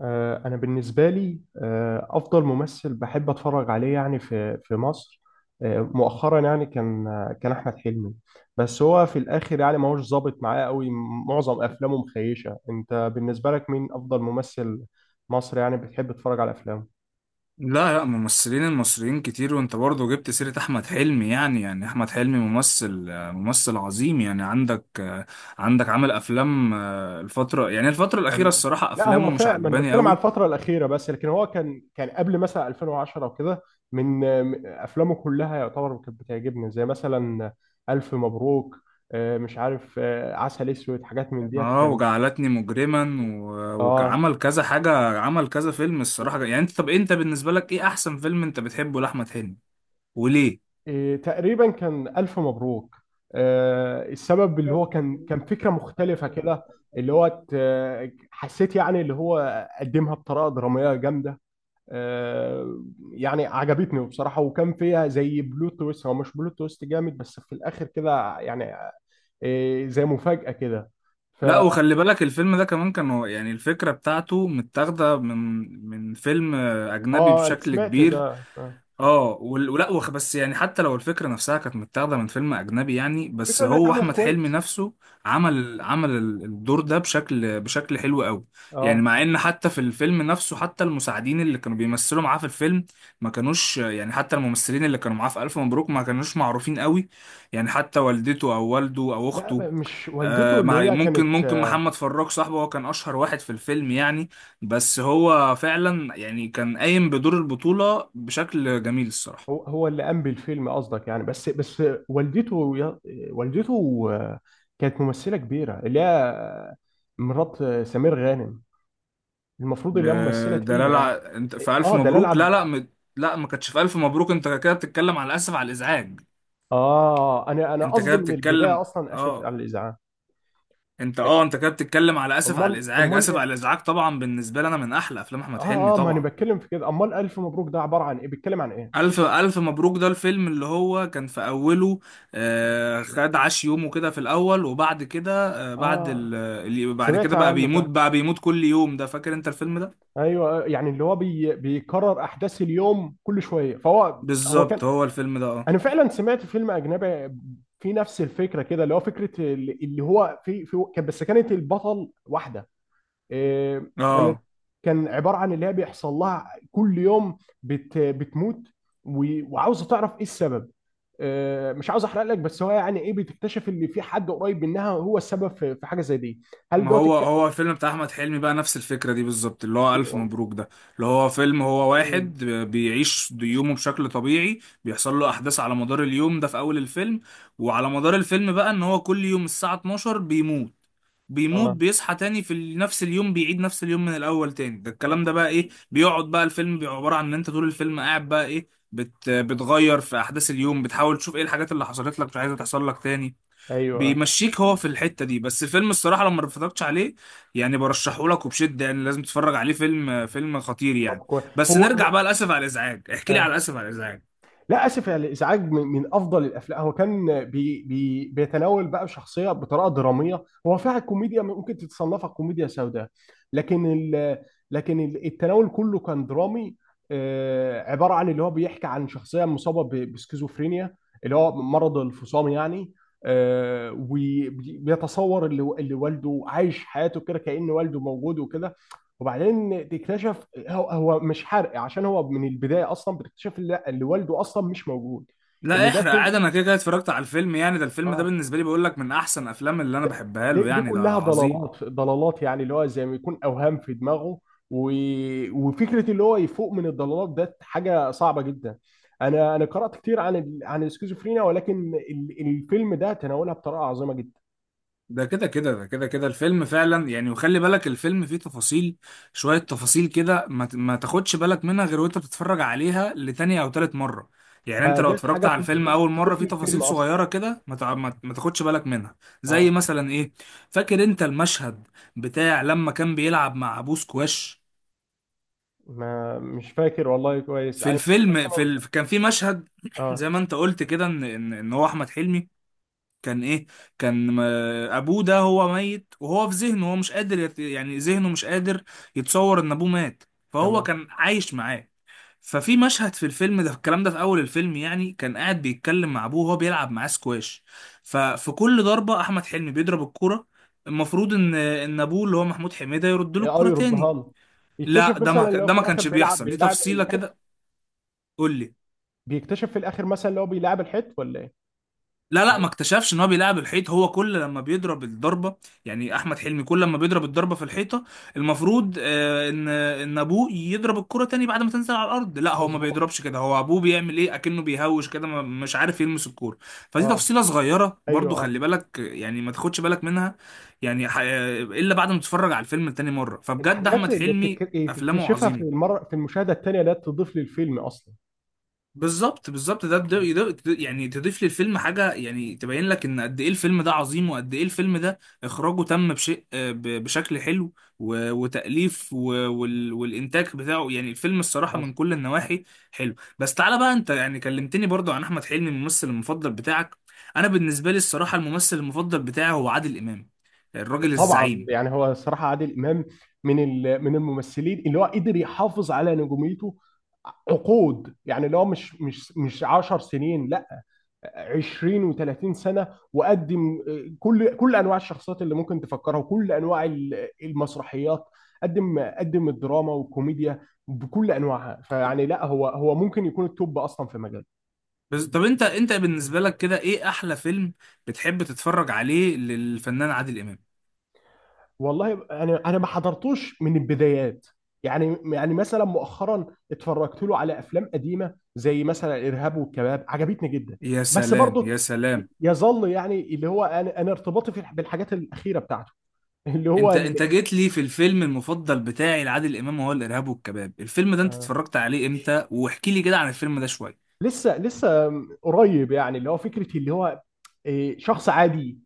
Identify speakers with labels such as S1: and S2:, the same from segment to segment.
S1: أنا بالنسبة لي أفضل ممثل بحب أتفرج عليه يعني في مصر. مؤخرا يعني كان كان أحمد حلمي. بس هو في الآخر يعني ما هوش ظابط معاه قوي. معظم أفلامه مخيشة. أنت بالنسبة لك مين أفضل ممثل مصري يعني بتحب تتفرج على أفلامه؟
S2: لا لا، ممثلين المصريين كتير وانت برضه جبت سيرة احمد حلمي. يعني احمد حلمي ممثل، ممثل عظيم. يعني عندك، عندك عمل افلام، الفترة، يعني الفترة الاخيرة
S1: ال-
S2: الصراحة
S1: لا،
S2: افلامه
S1: هو
S2: مش
S1: فعلا ما انا
S2: عجباني
S1: بتكلم على
S2: قوي.
S1: الفتره الاخيره، بس لكن هو كان قبل مثلا 2010 وكده. من من افلامه كلها يعتبر كانت بتعجبني، زي مثلا الف مبروك. مش عارف، عسل اسود، حاجات من ديت
S2: اه
S1: كان.
S2: وجعلتني مجرما
S1: اه
S2: وعمل كذا حاجة، عمل كذا فيلم.
S1: و-
S2: الصراحة يعني انت، طب انت بالنسبة لك ايه احسن فيلم انت بتحبه لاحمد حلمي
S1: تقريبا كان الف مبروك. السبب اللي هو كان فكره مختلفه
S2: وليه؟
S1: كده. اللي هو حسيت يعني اللي هو قدمها بطريقه دراميه جامده. آه، يعني عجبتني بصراحة. وكان فيها زي بلوت تويست، هو مش بلوت تويست جامد بس في الآخر كده يعني. زي مفاجأة كده.
S2: لا،
S1: فا
S2: وخلي بالك الفيلم ده كمان كانوا يعني الفكرة بتاعته متاخدة من فيلم، أجنبي
S1: اه، أنا
S2: بشكل
S1: سمعت
S2: كبير.
S1: ده.
S2: اه بس يعني حتى لو الفكره نفسها كانت متاخده من فيلم اجنبي يعني، بس
S1: الفكرة اللي
S2: هو
S1: اتعملت
S2: احمد حلمي
S1: كويس.
S2: نفسه عمل الدور ده بشكل حلو قوي. يعني
S1: اه
S2: مع ان حتى في الفيلم نفسه، حتى المساعدين اللي كانوا بيمثلوا معاه في الفيلم ما كانوش، يعني حتى الممثلين اللي كانوا معاه في الف مبروك ما كانوش معروفين قوي. يعني حتى والدته او والده او
S1: لا.
S2: اخته،
S1: مش والدته،
S2: آه
S1: اللي
S2: مع
S1: هي
S2: ممكن
S1: كانت
S2: ممكن محمد فراج صاحبه هو كان اشهر واحد في الفيلم يعني. بس هو فعلا يعني كان قايم بدور البطولة بشكل جميل الصراحة.
S1: هو اللي قام بالفيلم قصدك يعني. بس والدته والدته كانت ممثلة كبيرة، اللي هي مرات سمير غانم. المفروض
S2: ده
S1: اللي هي ممثلة
S2: ده لا
S1: تقيلة يعني.
S2: لا، انت في ألف
S1: اه، دلال
S2: مبروك.
S1: عبد.
S2: لا، ما كانتش في ألف مبروك. انت كده بتتكلم على آسف على الإزعاج.
S1: اه انا
S2: انت كده
S1: قصدي من البدايه
S2: بتتكلم،
S1: اصلا اسف
S2: اه،
S1: على الازعاج.
S2: انت
S1: إيه،
S2: اه انت كده بتتكلم على آسف على
S1: امال،
S2: الإزعاج. آسف
S1: ايه؟
S2: على الإزعاج طبعا بالنسبة لي انا من احلى افلام احمد حلمي
S1: اه ما انا
S2: طبعا.
S1: بتكلم في كده. امال الف مبروك ده عباره عن ايه، بيتكلم عن ايه؟
S2: ألف مبروك ده الفيلم اللي هو كان في أوله، آه، خد عاش يومه كده في الأول، وبعد كده آه بعد
S1: اه،
S2: بعد
S1: سمعت
S2: كده بقى
S1: عنه
S2: بيموت،
S1: فعلا.
S2: بقى بيموت كل يوم. ده فاكر أنت الفيلم ده؟
S1: ايوه، يعني اللي هو بيكرر احداث اليوم كل شويه، فهو هو
S2: بالظبط،
S1: كان.
S2: هو الفيلم ده اه.
S1: انا فعلا سمعت فيلم اجنبي في نفس الفكره كده، اللي هو فكره اللي هو بس كانت البطل واحده. كانت.
S2: اه،
S1: كان عباره عن اللي هي بيحصل لها كل يوم بتموت. وعاوزه تعرف ايه السبب. مش عاوز احرق لك، بس هو يعني ايه، بتكتشف ان في حد قريب منها هو السبب في حاجه زي دي. هل
S2: ما
S1: دوت
S2: هو
S1: الك...
S2: هو الفيلم بتاع احمد حلمي بقى نفس الفكره دي بالظبط، اللي هو الف
S1: ب-
S2: مبروك ده. اللي هو فيلم، هو
S1: مم.
S2: واحد بيعيش يومه بشكل طبيعي، بيحصل له احداث على مدار اليوم ده في اول الفيلم، وعلى مدار الفيلم بقى ان هو كل يوم الساعه 12 بيموت،
S1: اه،
S2: بيصحى تاني في نفس اليوم، بيعيد نفس اليوم من الاول تاني. ده الكلام ده بقى ايه، بيقعد بقى الفيلم بيبقى عباره عن ان انت طول الفيلم قاعد بقى ايه، بتغير في احداث اليوم، بتحاول تشوف ايه الحاجات اللي حصلت لك مش عايزه تحصل لك تاني.
S1: ايوه.
S2: بيمشيك هو في الحتة دي. بس فيلم الصراحة لو ما اتفرجتش عليه يعني برشحه لك وبشدة، يعني لازم تتفرج عليه. فيلم خطير
S1: طب،
S2: يعني.
S1: كويس.
S2: بس
S1: هو
S2: نرجع
S1: هو-
S2: بقى للأسف على الإزعاج، احكي لي على
S1: آه.
S2: الأسف على الإزعاج.
S1: لا، اسف يا الازعاج من افضل الافلام. هو كان بي بي بيتناول بقى شخصيه بطريقه دراميه، هو فيها كوميديا ممكن تتصنفها كوميديا سوداء. لكن ال التناول كله كان درامي. عباره عن اللي هو بيحكي عن شخصيه مصابه بسكيزوفرينيا، اللي هو مرض الفصام يعني. وبيتصور اللي والده عايش حياته كده كأن والده موجود وكده. وبعدين تكتشف، هو مش حرق، عشان هو من البدايه اصلا بتكتشف اللي والده اصلا مش موجود.
S2: لا
S1: ان ده
S2: احرق
S1: كل
S2: عادي، انا كده كده اتفرجت على الفيلم يعني. ده الفيلم ده
S1: اه
S2: بالنسبة لي بقول لك من احسن افلام اللي انا
S1: ده
S2: بحبها
S1: دي,
S2: له،
S1: دي
S2: يعني ده
S1: كلها
S2: عظيم.
S1: ضلالات يعني، اللي هو زي ما يكون اوهام في دماغه. و... وفكره اللي هو يفوق من الضلالات ده حاجه صعبه جدا. انا قرات كتير عن السكيزوفرينيا، ولكن الفيلم ده تناولها بطريقه عظيمه جدا.
S2: ده كده كده الفيلم فعلا يعني. وخلي بالك الفيلم فيه تفاصيل، شوية تفاصيل كده ما تاخدش بالك منها غير وانت بتتفرج عليها لتانية او تالت مرة. يعني
S1: ما
S2: انت لو
S1: ديت
S2: اتفرجت
S1: حاجه
S2: على
S1: تضيف
S2: الفيلم اول مرة
S1: تضيف
S2: فيه
S1: للفيلم
S2: تفاصيل
S1: اصلا.
S2: صغيرة كده ما تع- ما ت- ما تاخدش بالك منها. زي
S1: اه.
S2: مثلا ايه؟ فاكر انت المشهد بتاع لما كان بيلعب مع ابوه سكواش؟
S1: ما مش فاكر والله كويس
S2: في
S1: انا.
S2: الفيلم،
S1: سامع.
S2: كان في مشهد
S1: اه،
S2: زي ما انت قلت كده، ان ان إن هو احمد حلمي كان ايه، كان م- ابوه ده هو ميت، وهو في ذهنه هو مش قادر يعني ذهنه مش قادر يتصور ان ابوه مات، فهو
S1: تمام.
S2: كان عايش معاه. ففي مشهد في الفيلم ده، الكلام ده في اول الفيلم يعني، كان قاعد بيتكلم مع ابوه وهو بيلعب معاه سكواش. ففي كل ضربة احمد حلمي بيضرب الكرة، المفروض ان ابوه اللي هو محمود حميدة يرد له
S1: اه،
S2: الكرة تاني.
S1: يردها له. يكتشف
S2: لا،
S1: مثلا اللي هو
S2: ده
S1: في
S2: ما
S1: الاخر
S2: كانش
S1: بيلعب
S2: بيحصل. دي
S1: بيلعب
S2: تفصيلة
S1: الحيت.
S2: كده. قول لي.
S1: بيكتشف في الاخر مثلا اللي هو بيلعب الحيت ولا ايه؟
S2: لا لا،
S1: يعني،
S2: ما اكتشفش ان هو بيلعب الحيط. هو كل لما بيضرب الضربه، يعني احمد حلمي كل لما بيضرب الضربه في الحيطه، المفروض، ان ابوه يضرب الكره تاني بعد ما تنزل على الارض. لا، هو ما
S1: مظبوط.
S2: بيضربش كده. هو ابوه بيعمل ايه، اكنه بيهوش كده مش عارف يلمس الكوره. فدي
S1: اه،
S2: تفصيله صغيره
S1: ايوه،
S2: برضو،
S1: اه.
S2: خلي بالك يعني ما تاخدش بالك منها، يعني الا بعد ما تتفرج على الفيلم تاني مره. فبجد
S1: الحاجات
S2: احمد
S1: اللي
S2: حلمي افلامه
S1: بتكتشفها في
S2: عظيمه.
S1: المره، في المشاهده الثانيه، ده تضيف للفيلم اصلا.
S2: بالظبط، يعني تضيف للفيلم حاجه، يعني تبين لك ان قد ايه الفيلم ده عظيم، وقد ايه الفيلم ده اخراجه تم بشيء، بشكل حلو، وتاليف، والانتاج بتاعه. يعني الفيلم الصراحه من
S1: مظبوط.
S2: كل النواحي حلو. بس تعالى بقى انت يعني كلمتني برضو عن احمد حلمي الممثل المفضل بتاعك. انا بالنسبه لي الصراحه الممثل المفضل بتاعي هو عادل امام، الراجل
S1: طبعا،
S2: الزعيم.
S1: يعني هو صراحه عادل امام من الممثلين اللي هو قدر يحافظ على نجوميته عقود، يعني اللي هو مش 10 سنين، لا، 20 و30 سنه. وقدم كل انواع الشخصيات اللي ممكن تفكرها، وكل انواع المسرحيات. قدم الدراما والكوميديا بكل انواعها. فيعني لا، هو ممكن يكون التوب اصلا في مجاله.
S2: بس طب انت بالنسبه لك كده ايه احلى فيلم بتحب تتفرج عليه للفنان عادل امام؟
S1: والله انا ما حضرتوش من البدايات. يعني مثلا مؤخرا اتفرجت له على افلام قديمه زي مثلا الارهاب والكباب، عجبتني جدا.
S2: يا
S1: بس
S2: سلام يا
S1: برضو
S2: سلام.
S1: يظل يعني اللي هو انا ارتباطي بالحاجات الاخيره بتاعته، اللي هو
S2: انت جيت لي في الفيلم المفضل بتاعي لعادل امام، وهو الارهاب والكباب. الفيلم ده انت
S1: ال-
S2: اتفرجت عليه امتى؟ واحكي لي كده عن الفيلم ده شويه.
S1: لسه قريب. يعني اللي هو فكره اللي هو شخص عادي،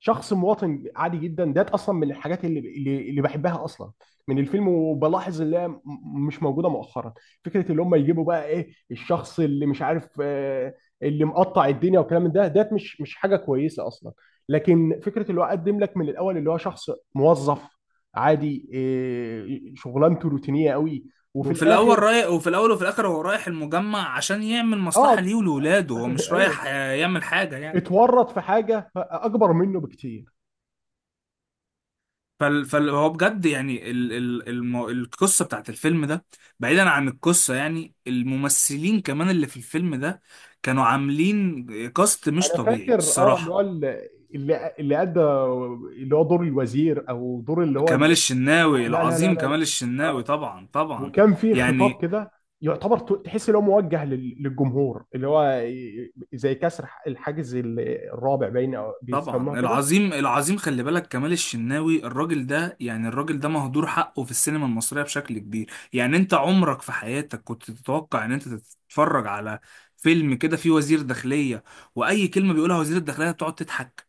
S1: شخص مواطن عادي جدا. ده اصلا من الحاجات اللي بحبها اصلا من الفيلم. وبلاحظ اللي هي مش موجوده مؤخرا. فكره اللي هم يجيبوا بقى ايه، الشخص اللي مش عارف، اللي مقطع الدنيا والكلام من ده مش حاجه كويسه اصلا. لكن فكره اللي هو قدم لك من الاول اللي هو شخص موظف عادي، شغلانته روتينيه قوي. وفي
S2: وفي الاول
S1: الاخر،
S2: رايح وفي الاول وفي الاخر هو رايح المجمع عشان يعمل
S1: اه.
S2: مصلحه ليه ولاولاده، هو مش
S1: ايوه،
S2: رايح، يعمل حاجه يعني.
S1: اتورط في حاجه اكبر منه بكتير.
S2: هو بجد يعني القصه بتاعت الفيلم ده، بعيدا عن القصه يعني الممثلين كمان اللي في الفيلم ده كانوا عاملين كاست مش
S1: انا
S2: طبيعي
S1: فاكر، اه، اللي
S2: الصراحه.
S1: هو اللي ادى اللي هو دور الوزير، او دور اللي هو
S2: كمال الشناوي
S1: لا، لا، لا،
S2: العظيم،
S1: لا، لا
S2: كمال الشناوي
S1: آه.
S2: طبعا طبعا
S1: وكان في خطاب
S2: يعني.
S1: كده، يعتبر تحس ان هو موجه للجمهور، اللي هو زي كسر الحاجز الرابع، باين او بيسموها
S2: طبعا
S1: كده.
S2: العظيم العظيم، خلي بالك كمال الشناوي الراجل ده، يعني الراجل ده مهدور حقه في السينما المصرية بشكل كبير. يعني انت عمرك في حياتك كنت تتوقع ان انت تتفرج على فيلم كده فيه وزير داخلية، واي كلمة بيقولها وزير الداخلية بتقعد تضحك؟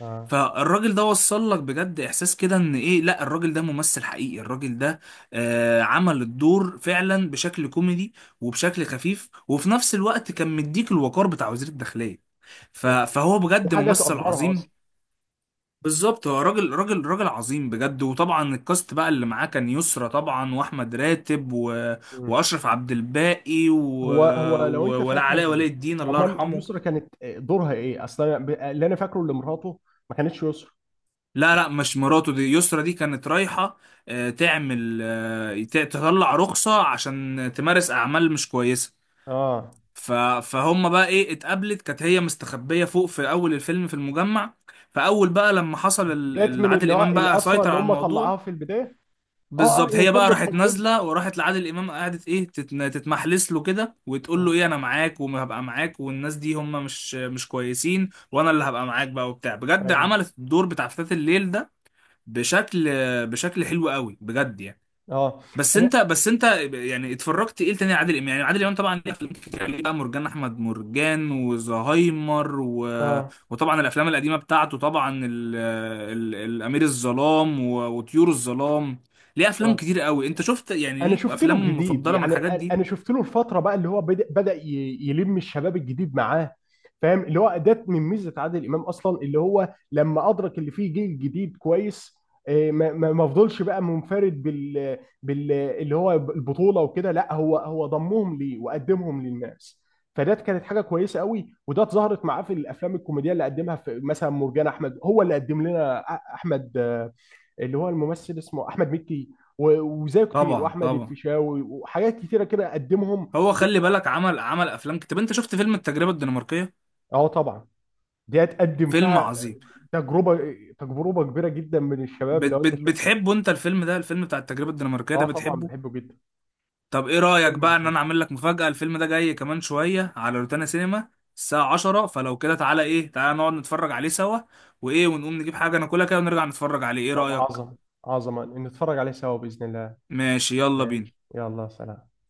S1: اه،
S2: فالراجل ده وصل لك بجد احساس كده ان ايه، لا الراجل ده ممثل حقيقي، الراجل ده آه عمل الدور فعلا بشكل كوميدي وبشكل خفيف، وفي نفس الوقت كان مديك الوقار بتاع وزير الداخلية. فهو
S1: دي
S2: بجد
S1: حاجه
S2: ممثل
S1: تقدرها اصلا.
S2: عظيم. بالظبط، هو راجل راجل عظيم بجد. وطبعا الكاست بقى اللي معاه كان يسرا طبعا، واحمد راتب، و...
S1: مم.
S2: واشرف عبد الباقي، و...
S1: هو لو
S2: و...
S1: انت
S2: ولا
S1: فاكر.
S2: علاء ولي الدين الله
S1: امال
S2: يرحمه.
S1: يسرا كانت دورها ايه اصلا؟ أنا اللي انا فاكره اللي مراته ما كانتش يسرا.
S2: لا لا، مش مراته، دي يسرا دي كانت رايحة، تعمل، تطلع رخصة عشان تمارس أعمال مش كويسة.
S1: اه،
S2: ف- فهم بقى إيه، اتقابلت، كانت هي مستخبية فوق في أول الفيلم في المجمع. فأول بقى لما حصل
S1: جت من اللي
S2: عادل
S1: هو
S2: إمام بقى
S1: الاسرى
S2: سيطر
S1: اللي
S2: على
S1: هم طلعوها
S2: الموضوع،
S1: في البدايه. اه، اه،
S2: بالظبط.
S1: هي
S2: هي
S1: كانت
S2: بقى راحت
S1: بتطمن،
S2: نازلة وراحت لعادل إمام، قعدت إيه تتمحلس له كده وتقول له
S1: آه،
S2: إيه أنا معاك وهبقى معاك، والناس دي هم مش كويسين، وأنا اللي هبقى معاك بقى وبتاع. بجد
S1: ايوه.
S2: عملت الدور بتاع فتاة الليل ده بشكل بشكل حلو قوي بجد يعني.
S1: اه
S2: بس
S1: انا
S2: انت بس انت يعني اتفرجت ايه تاني عادل امام؟ يعني عادل امام طبعا ليه افلام كتير عليه بقى، مرجان احمد مرجان، وزهايمر، و...
S1: اه
S2: وطبعا الافلام القديمه بتاعته طبعا، الامير الظلام، و... وطيور الظلام. ليه افلام
S1: اه
S2: كتير قوي. انت شفت يعني،
S1: انا
S2: ليك
S1: شفت له
S2: افلام
S1: جديد،
S2: مفضله من
S1: يعني
S2: الحاجات دي؟
S1: انا شفت له الفتره بقى اللي هو بدأ يلم الشباب الجديد معاه. فاهم اللي هو ده من ميزه عادل امام اصلا، اللي هو لما ادرك اللي فيه جيل جديد كويس. ما فضلش بقى منفرد بال اللي هو البطوله وكده. لا، هو ضمهم ليه وقدمهم للناس. فده كانت حاجه كويسه قوي، وده اتظهرت معاه في الافلام الكوميديه اللي قدمها في مثلا مرجان احمد. هو اللي قدم لنا احمد، اللي هو الممثل اسمه احمد مكي، وزيه كتير،
S2: طبعا
S1: واحمد
S2: طبعا.
S1: الفيشاوي، وحاجات كتيره كده قدمهم.
S2: هو خلي بالك عمل، افلام كتير. طب انت شفت فيلم التجربه الدنماركيه؟
S1: اه، طبعا. دي هتقدم
S2: فيلم
S1: فيها
S2: عظيم.
S1: تجربه تجربه كبيره جدا من الشباب، لو انت شفت.
S2: بتحبه انت الفيلم ده، الفيلم بتاع التجربه الدنماركيه ده
S1: اه، طبعا
S2: بتحبه؟
S1: بحبه جدا.
S2: طب ايه رأيك
S1: فيلم
S2: بقى ان
S1: عظيم.
S2: انا اعمل لك مفاجأة؟ الفيلم ده جاي كمان شوية على روتانا سينما الساعة 10. فلو كده تعالى ايه، تعالى نقعد نتفرج عليه سوا، ونقوم نجيب حاجة ناكلها كده ونرجع نتفرج عليه. ايه
S1: طب،
S2: رأيك؟
S1: عظمه، عظمه، نتفرج عليه سوا باذن الله.
S2: ماشي، يلا
S1: ماشي،
S2: بينا.
S1: يلا، سلام.